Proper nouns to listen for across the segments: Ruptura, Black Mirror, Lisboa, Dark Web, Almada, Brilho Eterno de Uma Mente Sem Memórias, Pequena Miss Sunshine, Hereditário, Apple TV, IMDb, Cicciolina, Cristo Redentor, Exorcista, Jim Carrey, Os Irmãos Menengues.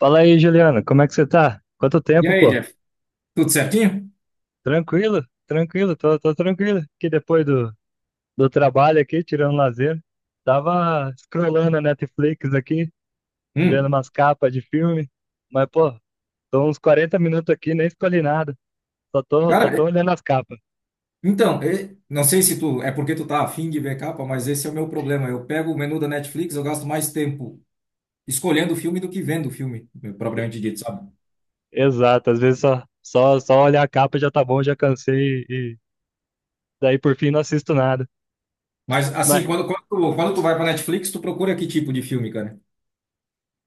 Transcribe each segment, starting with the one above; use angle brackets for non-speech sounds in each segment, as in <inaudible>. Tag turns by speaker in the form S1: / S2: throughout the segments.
S1: Fala aí, Juliano, como é que você tá? Quanto
S2: E
S1: tempo,
S2: aí,
S1: pô?
S2: Jeff? Tudo certinho?
S1: Tranquilo, tranquilo, tô tranquilo. Que depois do trabalho aqui, tirando lazer, tava scrollando a Netflix aqui, vendo
S2: Hum.
S1: umas capas de filme, mas, pô, tô uns 40 minutos aqui, nem escolhi nada,
S2: Cara,
S1: só tô
S2: é-
S1: olhando as capas.
S2: então, é- Não sei se tu é porque tu tá afim de ver capa, mas esse é o meu problema. Eu pego o menu da Netflix, eu gasto mais tempo escolhendo o filme do que vendo o filme, propriamente dito, sabe?
S1: Exato, às vezes só olhar a capa já tá bom, já cansei e daí por fim não assisto nada.
S2: Mas assim,
S1: Mas
S2: quando tu vai pra Netflix, tu procura que tipo de filme, cara?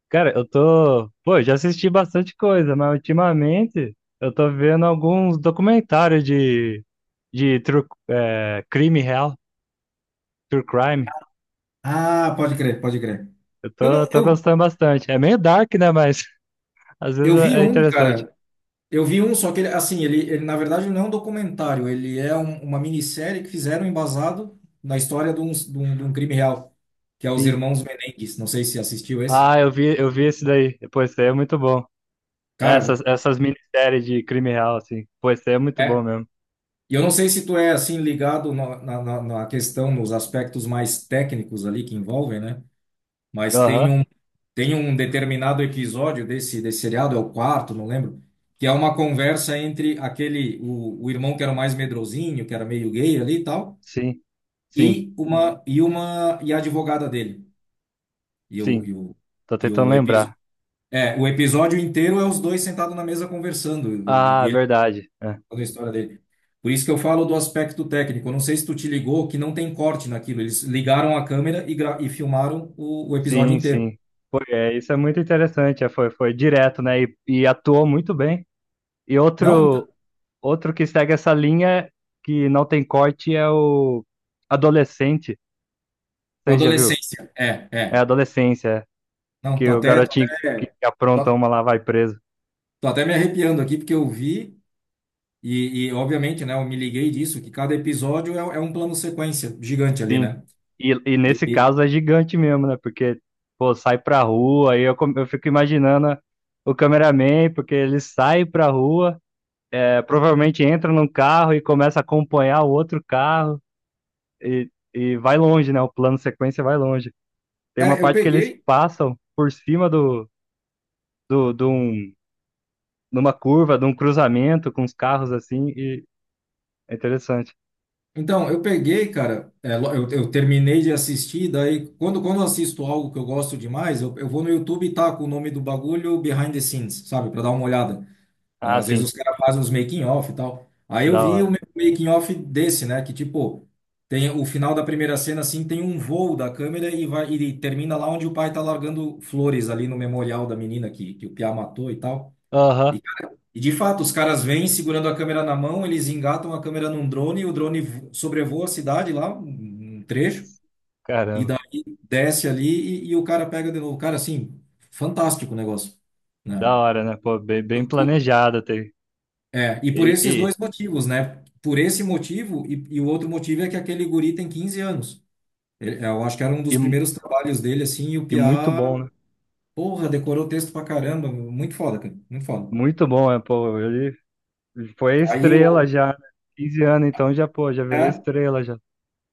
S1: cara, eu tô. Pô, eu já assisti bastante coisa, mas ultimamente eu tô vendo alguns documentários de crime real, true crime.
S2: Ah, pode crer, pode crer.
S1: Eu
S2: Eu
S1: tô,
S2: não,
S1: tô
S2: eu,
S1: gostando bastante. É meio dark, né? Mas <laughs> às vezes
S2: Eu vi
S1: é
S2: um,
S1: interessante.
S2: cara. Eu vi um, só que ele, assim, ele na verdade ele não é um documentário, ele é uma minissérie que fizeram embasado na história de um crime real, que é Os
S1: Sim.
S2: Irmãos Menengues. Não sei se assistiu esse.
S1: Ah, eu vi esse daí. Pô, esse daí é muito bom.
S2: Cara,
S1: Essas minisséries de crime real, assim. Pô, esse daí é muito bom
S2: é.
S1: mesmo.
S2: E eu não sei se tu é assim ligado na questão, nos aspectos mais técnicos ali que envolvem, né? Mas
S1: Aham,
S2: tem um determinado episódio desse, desse seriado, é o quarto, não lembro, que é uma conversa entre aquele, o irmão que era o mais medrosinho, que era meio gay ali e tal.
S1: sim, sim,
S2: E uma e uma e a advogada dele. E
S1: sim.
S2: o, e o,
S1: Tô
S2: e
S1: tentando
S2: o, episo-
S1: lembrar.
S2: o episódio inteiro é os dois sentados na mesa conversando
S1: Ah,
S2: e ele
S1: verdade.
S2: contando a história dele. Por isso que eu falo do aspecto técnico. Eu não sei se tu te ligou que não tem corte naquilo. Eles ligaram a câmera e, e filmaram o episódio
S1: Sim,
S2: inteiro.
S1: sim. Foi, é, isso é muito interessante. É, foi, foi direto, né? E atuou muito bem. E
S2: Não, então,
S1: outro, outro que segue essa linha que não tem corte é o adolescente.
S2: com a
S1: Você já viu?
S2: adolescência. É,
S1: É
S2: é.
S1: adolescência, é,
S2: Não,
S1: que
S2: tô
S1: o
S2: até, tô
S1: garotinho
S2: até,
S1: que apronta
S2: tô,
S1: uma lá vai preso.
S2: Tô até me arrepiando aqui porque eu vi e obviamente, né, eu me liguei disso, que cada episódio é um plano sequência gigante ali,
S1: Sim.
S2: né?
S1: E nesse
S2: E,
S1: caso é gigante mesmo, né? Porque, pô, sai pra rua, eu fico imaginando o cameraman, porque ele sai pra rua, é, provavelmente entra num carro e começa a acompanhar o outro carro. E vai longe, né? O plano sequência vai longe. Tem uma
S2: eu
S1: parte que eles
S2: peguei.
S1: passam por cima de um, numa curva, de um cruzamento com os carros assim, e é interessante.
S2: Então, eu peguei, cara. Eu terminei de assistir. Daí, quando eu assisto algo que eu gosto demais, eu vou no YouTube e taco o nome do bagulho behind the scenes, sabe? Pra dar uma olhada. Ah,
S1: Ah,
S2: às vezes
S1: sim,
S2: os caras fazem uns making-off e tal. Aí eu
S1: da
S2: vi o
S1: hora.
S2: making-off desse, né? Que tipo, tem o final da primeira cena, assim, tem um voo da câmera e vai e termina lá onde o pai tá largando flores ali no memorial da menina que o Piá matou e tal.
S1: Aham,
S2: E de fato, os caras vêm segurando a câmera na mão, eles engatam a câmera num drone, e o sobrevoa a cidade lá, um trecho, e
S1: caramba,
S2: daí desce ali e o cara pega de novo. Cara, assim, fantástico o negócio, né?
S1: da hora, né? Pô, bem, bem
S2: O-
S1: planejado. Tem.
S2: É, e por
S1: E,
S2: esses
S1: e,
S2: dois motivos, né? Por esse motivo, e o outro motivo é que aquele guri tem 15 anos. Eu acho que era um
S1: e,
S2: dos primeiros trabalhos dele, assim, e o
S1: e muito
S2: Piá,
S1: bom, né?
S2: porra, decorou o texto pra caramba, muito foda, cara, muito foda.
S1: Muito bom, é, pô, ele foi
S2: Aí
S1: estrela
S2: eu.
S1: já, né? 15 anos, então já, pô, já virou
S2: é,
S1: estrela já.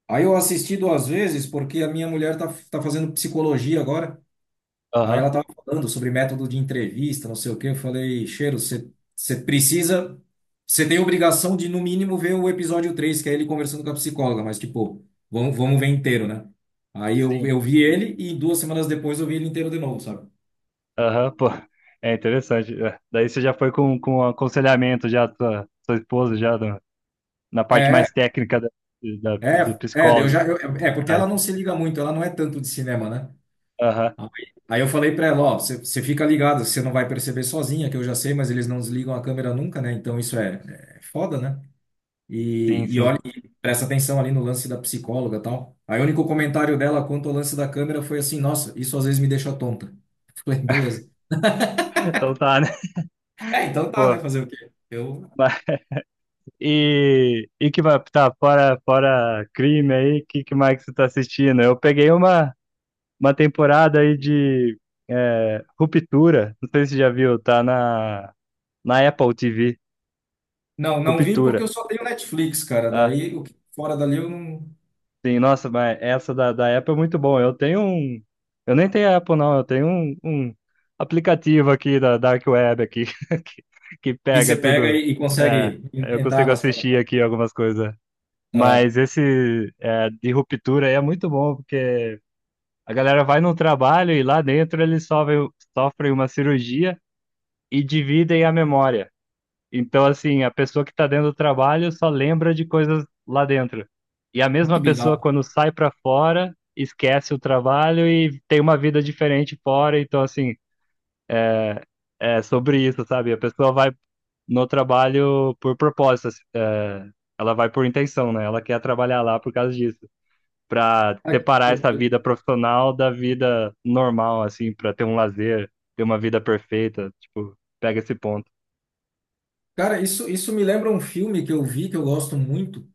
S2: Aí eu assisti duas vezes porque a minha mulher tá fazendo psicologia agora. Aí
S1: Aham,
S2: ela tava falando sobre método de entrevista, não sei o quê. Eu falei, Cheiro, você precisa. Você tem obrigação de, no mínimo, ver o episódio 3, que é ele conversando com a psicóloga, mas, tipo, vamos ver inteiro, né? Aí
S1: sim.
S2: eu vi ele e 2 semanas depois eu vi ele inteiro de novo, sabe?
S1: Aham, pô. É interessante. É. Daí você já foi com um aconselhamento já da sua, sua esposa, já na parte
S2: É,
S1: mais técnica do
S2: é, é, eu
S1: psicólogo.
S2: já, eu- é, Porque
S1: Mas,
S2: ela não se liga muito, ela não é tanto de cinema, né?
S1: aham,
S2: Aí aí eu falei pra ela, ó, você fica ligado, você não vai perceber sozinha, que eu já sei, mas eles não desligam a câmera nunca, né? Então isso é, é foda, né?
S1: sim,
S2: E,
S1: sim.
S2: olha, e presta atenção ali no lance da psicóloga e tal. Aí o único comentário dela quanto ao lance da câmera foi assim, nossa, isso às vezes me deixa tonta. <laughs> Falei, beleza.
S1: Então tá, né? <laughs>
S2: É, então tá, né?
S1: Pô.
S2: Fazer o quê? Eu
S1: Mas, e que vai, tá, fora crime aí, que mais que você tá assistindo? Eu peguei uma temporada aí de é, Ruptura, não sei se você já viu, tá na Apple TV,
S2: não vi porque eu
S1: Ruptura.
S2: só tenho Netflix, cara. Daí o que fora dali eu não.
S1: Sim, nossa, mas essa da Apple é muito bom. Eu tenho um. Eu nem tenho Apple, não. Eu tenho um aplicativo aqui da Dark Web aqui <laughs> que, que
S2: E
S1: pega
S2: você pega
S1: tudo.
S2: e,
S1: É,
S2: consegue
S1: eu
S2: entrar
S1: consigo
S2: nas
S1: assistir
S2: plataformas.
S1: aqui algumas coisas. Mas
S2: Aham.
S1: esse é, de ruptura aí é muito bom, porque a galera vai no trabalho e lá dentro eles sofrem, sofrem uma cirurgia e dividem a memória. Então, assim, a pessoa que está dentro do trabalho só lembra de coisas lá dentro. E a
S2: Ah, que
S1: mesma pessoa,
S2: bizarro.
S1: quando sai para fora, esquece o trabalho e tem uma vida diferente fora. Então, assim, é sobre isso, sabe? A pessoa vai no trabalho por propósito, assim, é, ela vai por intenção, né? Ela quer trabalhar lá por causa disso. Para
S2: Ah, que
S1: separar essa
S2: loucura.
S1: vida profissional da vida normal, assim, para ter um lazer, ter uma vida perfeita. Tipo, pega esse ponto.
S2: Cara, isso me lembra um filme que eu vi que eu gosto muito,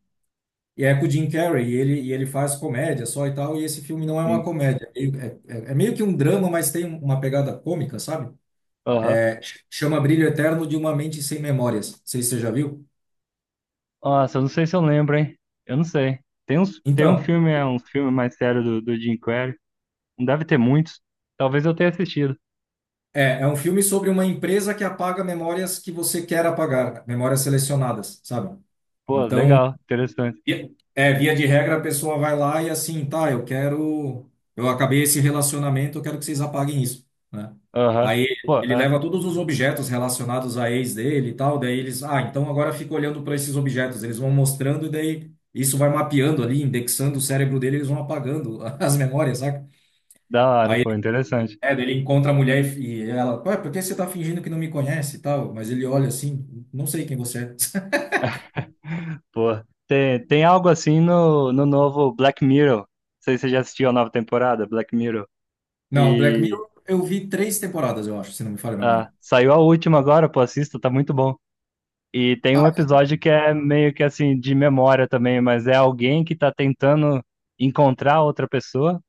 S2: e é com o Jim Carrey, e ele faz comédia só e tal, e esse filme não é uma
S1: Sim.
S2: comédia, é meio que um drama, mas tem uma pegada cômica, sabe?
S1: Aham.
S2: É, chama Brilho Eterno de Uma Mente Sem Memórias, não sei se você já viu.
S1: Nossa, eu não sei se eu lembro, hein? Eu não sei. Tem uns, tem um
S2: Então,
S1: filme, é um filme mais sério do Jim Carrey. Não deve ter muitos. Talvez eu tenha assistido.
S2: é um filme sobre uma empresa que apaga memórias que você quer apagar, memórias selecionadas, sabe?
S1: Pô,
S2: Então,
S1: legal, interessante.
S2: Via- via de regra, a pessoa vai lá e assim, tá, eu quero, eu acabei esse relacionamento, eu quero que vocês apaguem isso, né?
S1: Aham.
S2: Aí
S1: Pô,
S2: ele
S1: é,
S2: leva todos os objetos relacionados à ex dele e tal, daí eles, ah, então agora fica olhando para esses objetos, eles vão mostrando e daí isso vai mapeando ali, indexando o cérebro dele, eles vão apagando <laughs> as memórias, saca?
S1: da hora,
S2: Aí
S1: pô, interessante.
S2: daí ele encontra a mulher e, ela, ué, por que você tá fingindo que não me conhece e tal? Mas ele olha assim, não sei quem você é.
S1: Pô, tem, tem algo assim no, no novo Black Mirror. Não sei se você já assistiu a nova temporada, Black Mirror.
S2: <laughs> Não, Black
S1: E
S2: Mirror, eu vi três temporadas, eu acho, se não me falha a
S1: ah,
S2: memória.
S1: saiu a última agora, pô, assista, tá muito bom. E tem um episódio que é meio que assim, de memória também, mas é alguém que tá tentando encontrar outra pessoa.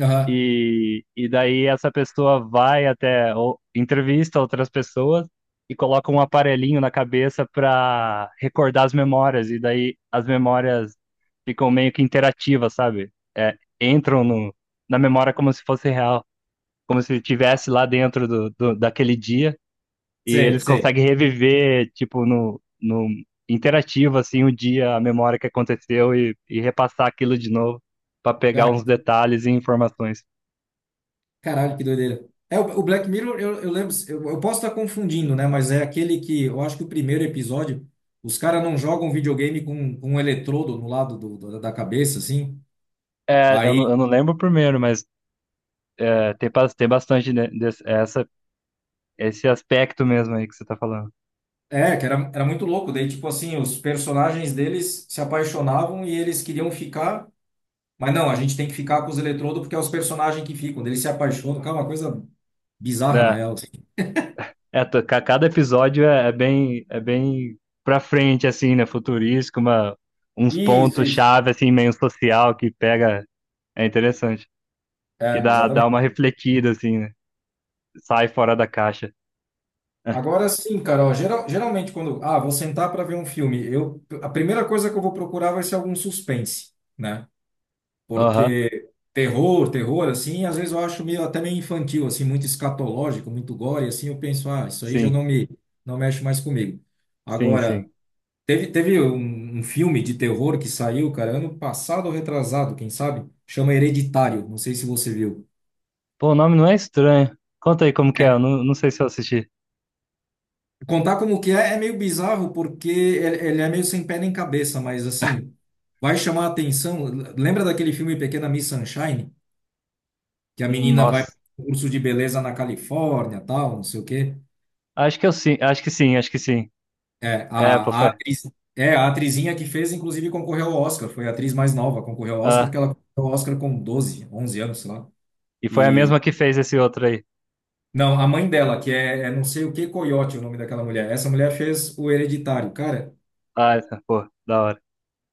S2: Aham,
S1: E daí essa pessoa vai até, ou, entrevista outras pessoas e coloca um aparelhinho na cabeça para recordar as memórias. E daí as memórias ficam meio que interativas, sabe? É, entram na memória como se fosse real, como se estivesse lá dentro daquele dia. E
S2: sei,
S1: eles
S2: sei.
S1: conseguem reviver, tipo, no interativo, assim, o dia, a memória que aconteceu e repassar aquilo de novo para pegar
S2: Cara,
S1: uns detalhes e informações.
S2: caralho, que doideira. É, o Black Mirror, eu lembro, eu posso estar confundindo, né? Mas é aquele que, eu acho que o primeiro episódio, os caras não jogam um videogame com um eletrodo no lado da cabeça, assim.
S1: É,
S2: Aí,
S1: eu não lembro o primeiro, mas é, tem, tem bastante desse, essa, esse aspecto mesmo aí que você tá falando.
S2: que era, era muito louco. Daí, tipo assim, os personagens deles se apaixonavam e eles queriam ficar, mas não, a gente tem que ficar com os eletrodos porque é os personagens que ficam. Daí eles se apaixonam, cara, é uma coisa bizarra, na
S1: É,
S2: real. Assim.
S1: é, cada episódio é, é bem pra frente, assim, né? Futurístico, uma, uns
S2: Isso, isso.
S1: pontos-chave, assim, meio social que pega. É interessante. Que
S2: É,
S1: dá, dá uma
S2: exatamente.
S1: refletida, assim, né? Sai fora da caixa. <laughs>
S2: Agora sim, Carol. Geralmente, quando. Ah, vou sentar para ver um filme. Eu, a primeira coisa que eu vou procurar vai ser algum suspense, né?
S1: Aham,
S2: Porque terror, terror, assim, às vezes eu acho meio, até meio infantil, assim, muito escatológico, muito gore, assim. Eu penso, ah, isso aí já
S1: sim,
S2: não me, não mexe mais comigo.
S1: sim,
S2: Agora,
S1: sim.
S2: um filme de terror que saiu, cara, ano passado ou retrasado, quem sabe? Chama Hereditário. Não sei se você viu.
S1: Pô, o nome não é estranho. Conta aí como que é, eu não, não sei se eu assisti.
S2: Contar como que é é meio bizarro porque ele é meio sem pé nem cabeça, mas assim, vai chamar a atenção. Lembra daquele filme Pequena Miss Sunshine? Que a menina vai para
S1: Nossa,
S2: um curso de beleza na Califórnia, tal, não sei o quê.
S1: acho que eu sim, acho que sim, acho que sim. É, pô,
S2: A
S1: foi.
S2: atriz, é, a atrizinha que fez, inclusive, concorreu ao Oscar. Foi a atriz mais nova, concorreu ao Oscar,
S1: Ah,
S2: que ela concorreu ao Oscar com 12, 11 anos, sei lá.
S1: e foi a
S2: E,
S1: mesma que fez esse outro aí.
S2: não, a mãe dela, que é, é não sei o que, Coyote, o nome daquela mulher. Essa mulher fez o Hereditário. Cara,
S1: Ah, tá, pô, da hora.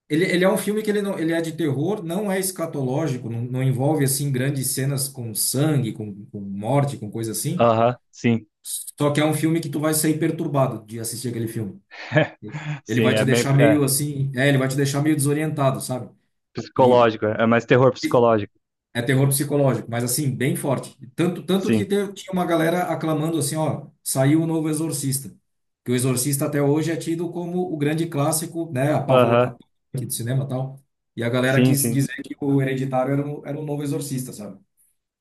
S2: ele é um filme que ele, não, ele é de terror, não é escatológico, não, não envolve assim grandes cenas com sangue, com morte, com coisa assim.
S1: Aham, sim.
S2: Só que é um filme que tu vai sair perturbado de assistir aquele filme.
S1: <laughs>
S2: Ele
S1: Sim,
S2: vai te
S1: é meio
S2: deixar meio
S1: é,
S2: assim, é, ele vai te deixar meio desorientado, sabe? E
S1: psicológico, é mais terror psicológico.
S2: é terror psicológico, mas assim, bem forte. Tanto, tanto que
S1: Sim.
S2: tinha uma galera aclamando assim, ó, saiu o novo Exorcista. Que o Exorcista até hoje é tido como o grande clássico, né,
S1: Aham,
S2: apavor do cinema e tal. E a galera
S1: sim,
S2: quis
S1: sim.
S2: dizer que o Hereditário era um novo Exorcista, sabe?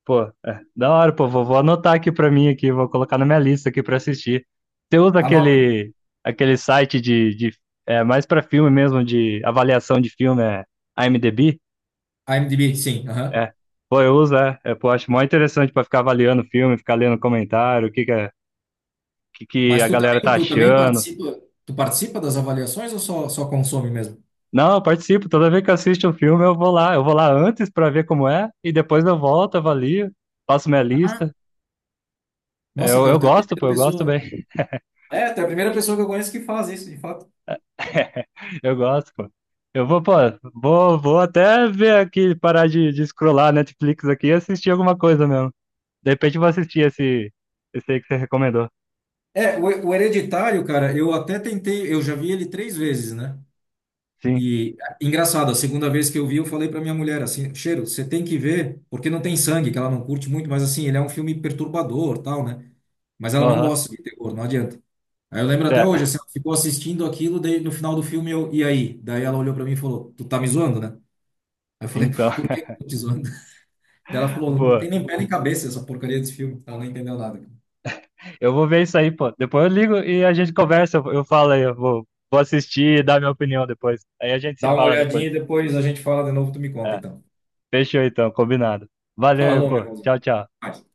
S1: Pô, é, da hora, pô, vou anotar aqui pra mim aqui, vou colocar na minha lista aqui pra assistir. Você usa
S2: Anota,
S1: aquele site de é, mais pra filme mesmo, de avaliação de filme, é IMDb?
S2: IMDb, sim, aham.
S1: É. Pô, eu uso, é, é, pô, acho mó interessante pra ficar avaliando o filme, ficar lendo comentário, o que que é que
S2: Mas
S1: a galera tá
S2: tu também
S1: achando.
S2: participa, tu participa das avaliações ou só consome mesmo?
S1: Não, eu participo. Toda vez que eu assisto um filme, eu vou lá. Eu vou lá antes pra ver como é, e depois eu volto, avalio, faço minha
S2: Ah,
S1: lista.
S2: nossa,
S1: Eu
S2: cara, tu é a
S1: gosto, pô,
S2: primeira
S1: eu gosto
S2: pessoa.
S1: bem.
S2: É, tu é a primeira pessoa que eu conheço que faz isso, de fato.
S1: <laughs> Eu gosto, pô. Eu vou, pô, vou até ver aqui, parar de scrollar Netflix aqui e assistir alguma coisa mesmo. De repente eu vou assistir esse, esse aí que você recomendou.
S2: É, o Hereditário, cara, eu até tentei, eu já vi ele três vezes, né?
S1: Sim,
S2: E engraçado, a segunda vez que eu vi, eu falei pra minha mulher assim, Cheiro, você tem que ver, porque não tem sangue, que ela não curte muito, mas assim, ele é um filme perturbador, tal, né? Mas ela não
S1: aham.
S2: gosta de terror, não adianta. Aí eu lembro até hoje,
S1: Tá.
S2: assim, ela ficou assistindo aquilo, daí no final do filme eu, e aí? Daí ela olhou pra mim e falou, tu tá me zoando, né? Aí eu falei,
S1: Então,
S2: <laughs> por que eu
S1: <laughs>
S2: tô te zoando? Daí ela falou, não
S1: pô,
S2: tem nem pé nem cabeça essa porcaria desse filme, ela não entendeu nada.
S1: eu vou ver isso aí, pô. Depois eu ligo e a gente conversa. Eu falo aí, eu vou, vou assistir e dar minha opinião depois. Aí a gente se
S2: Dá uma
S1: fala
S2: olhadinha
S1: depois.
S2: e depois a gente fala de novo, tu me conta
S1: É,
S2: então.
S1: fechou então, combinado. Valeu,
S2: Falou, meu
S1: pô.
S2: irmão.
S1: Tchau, tchau.
S2: Pode.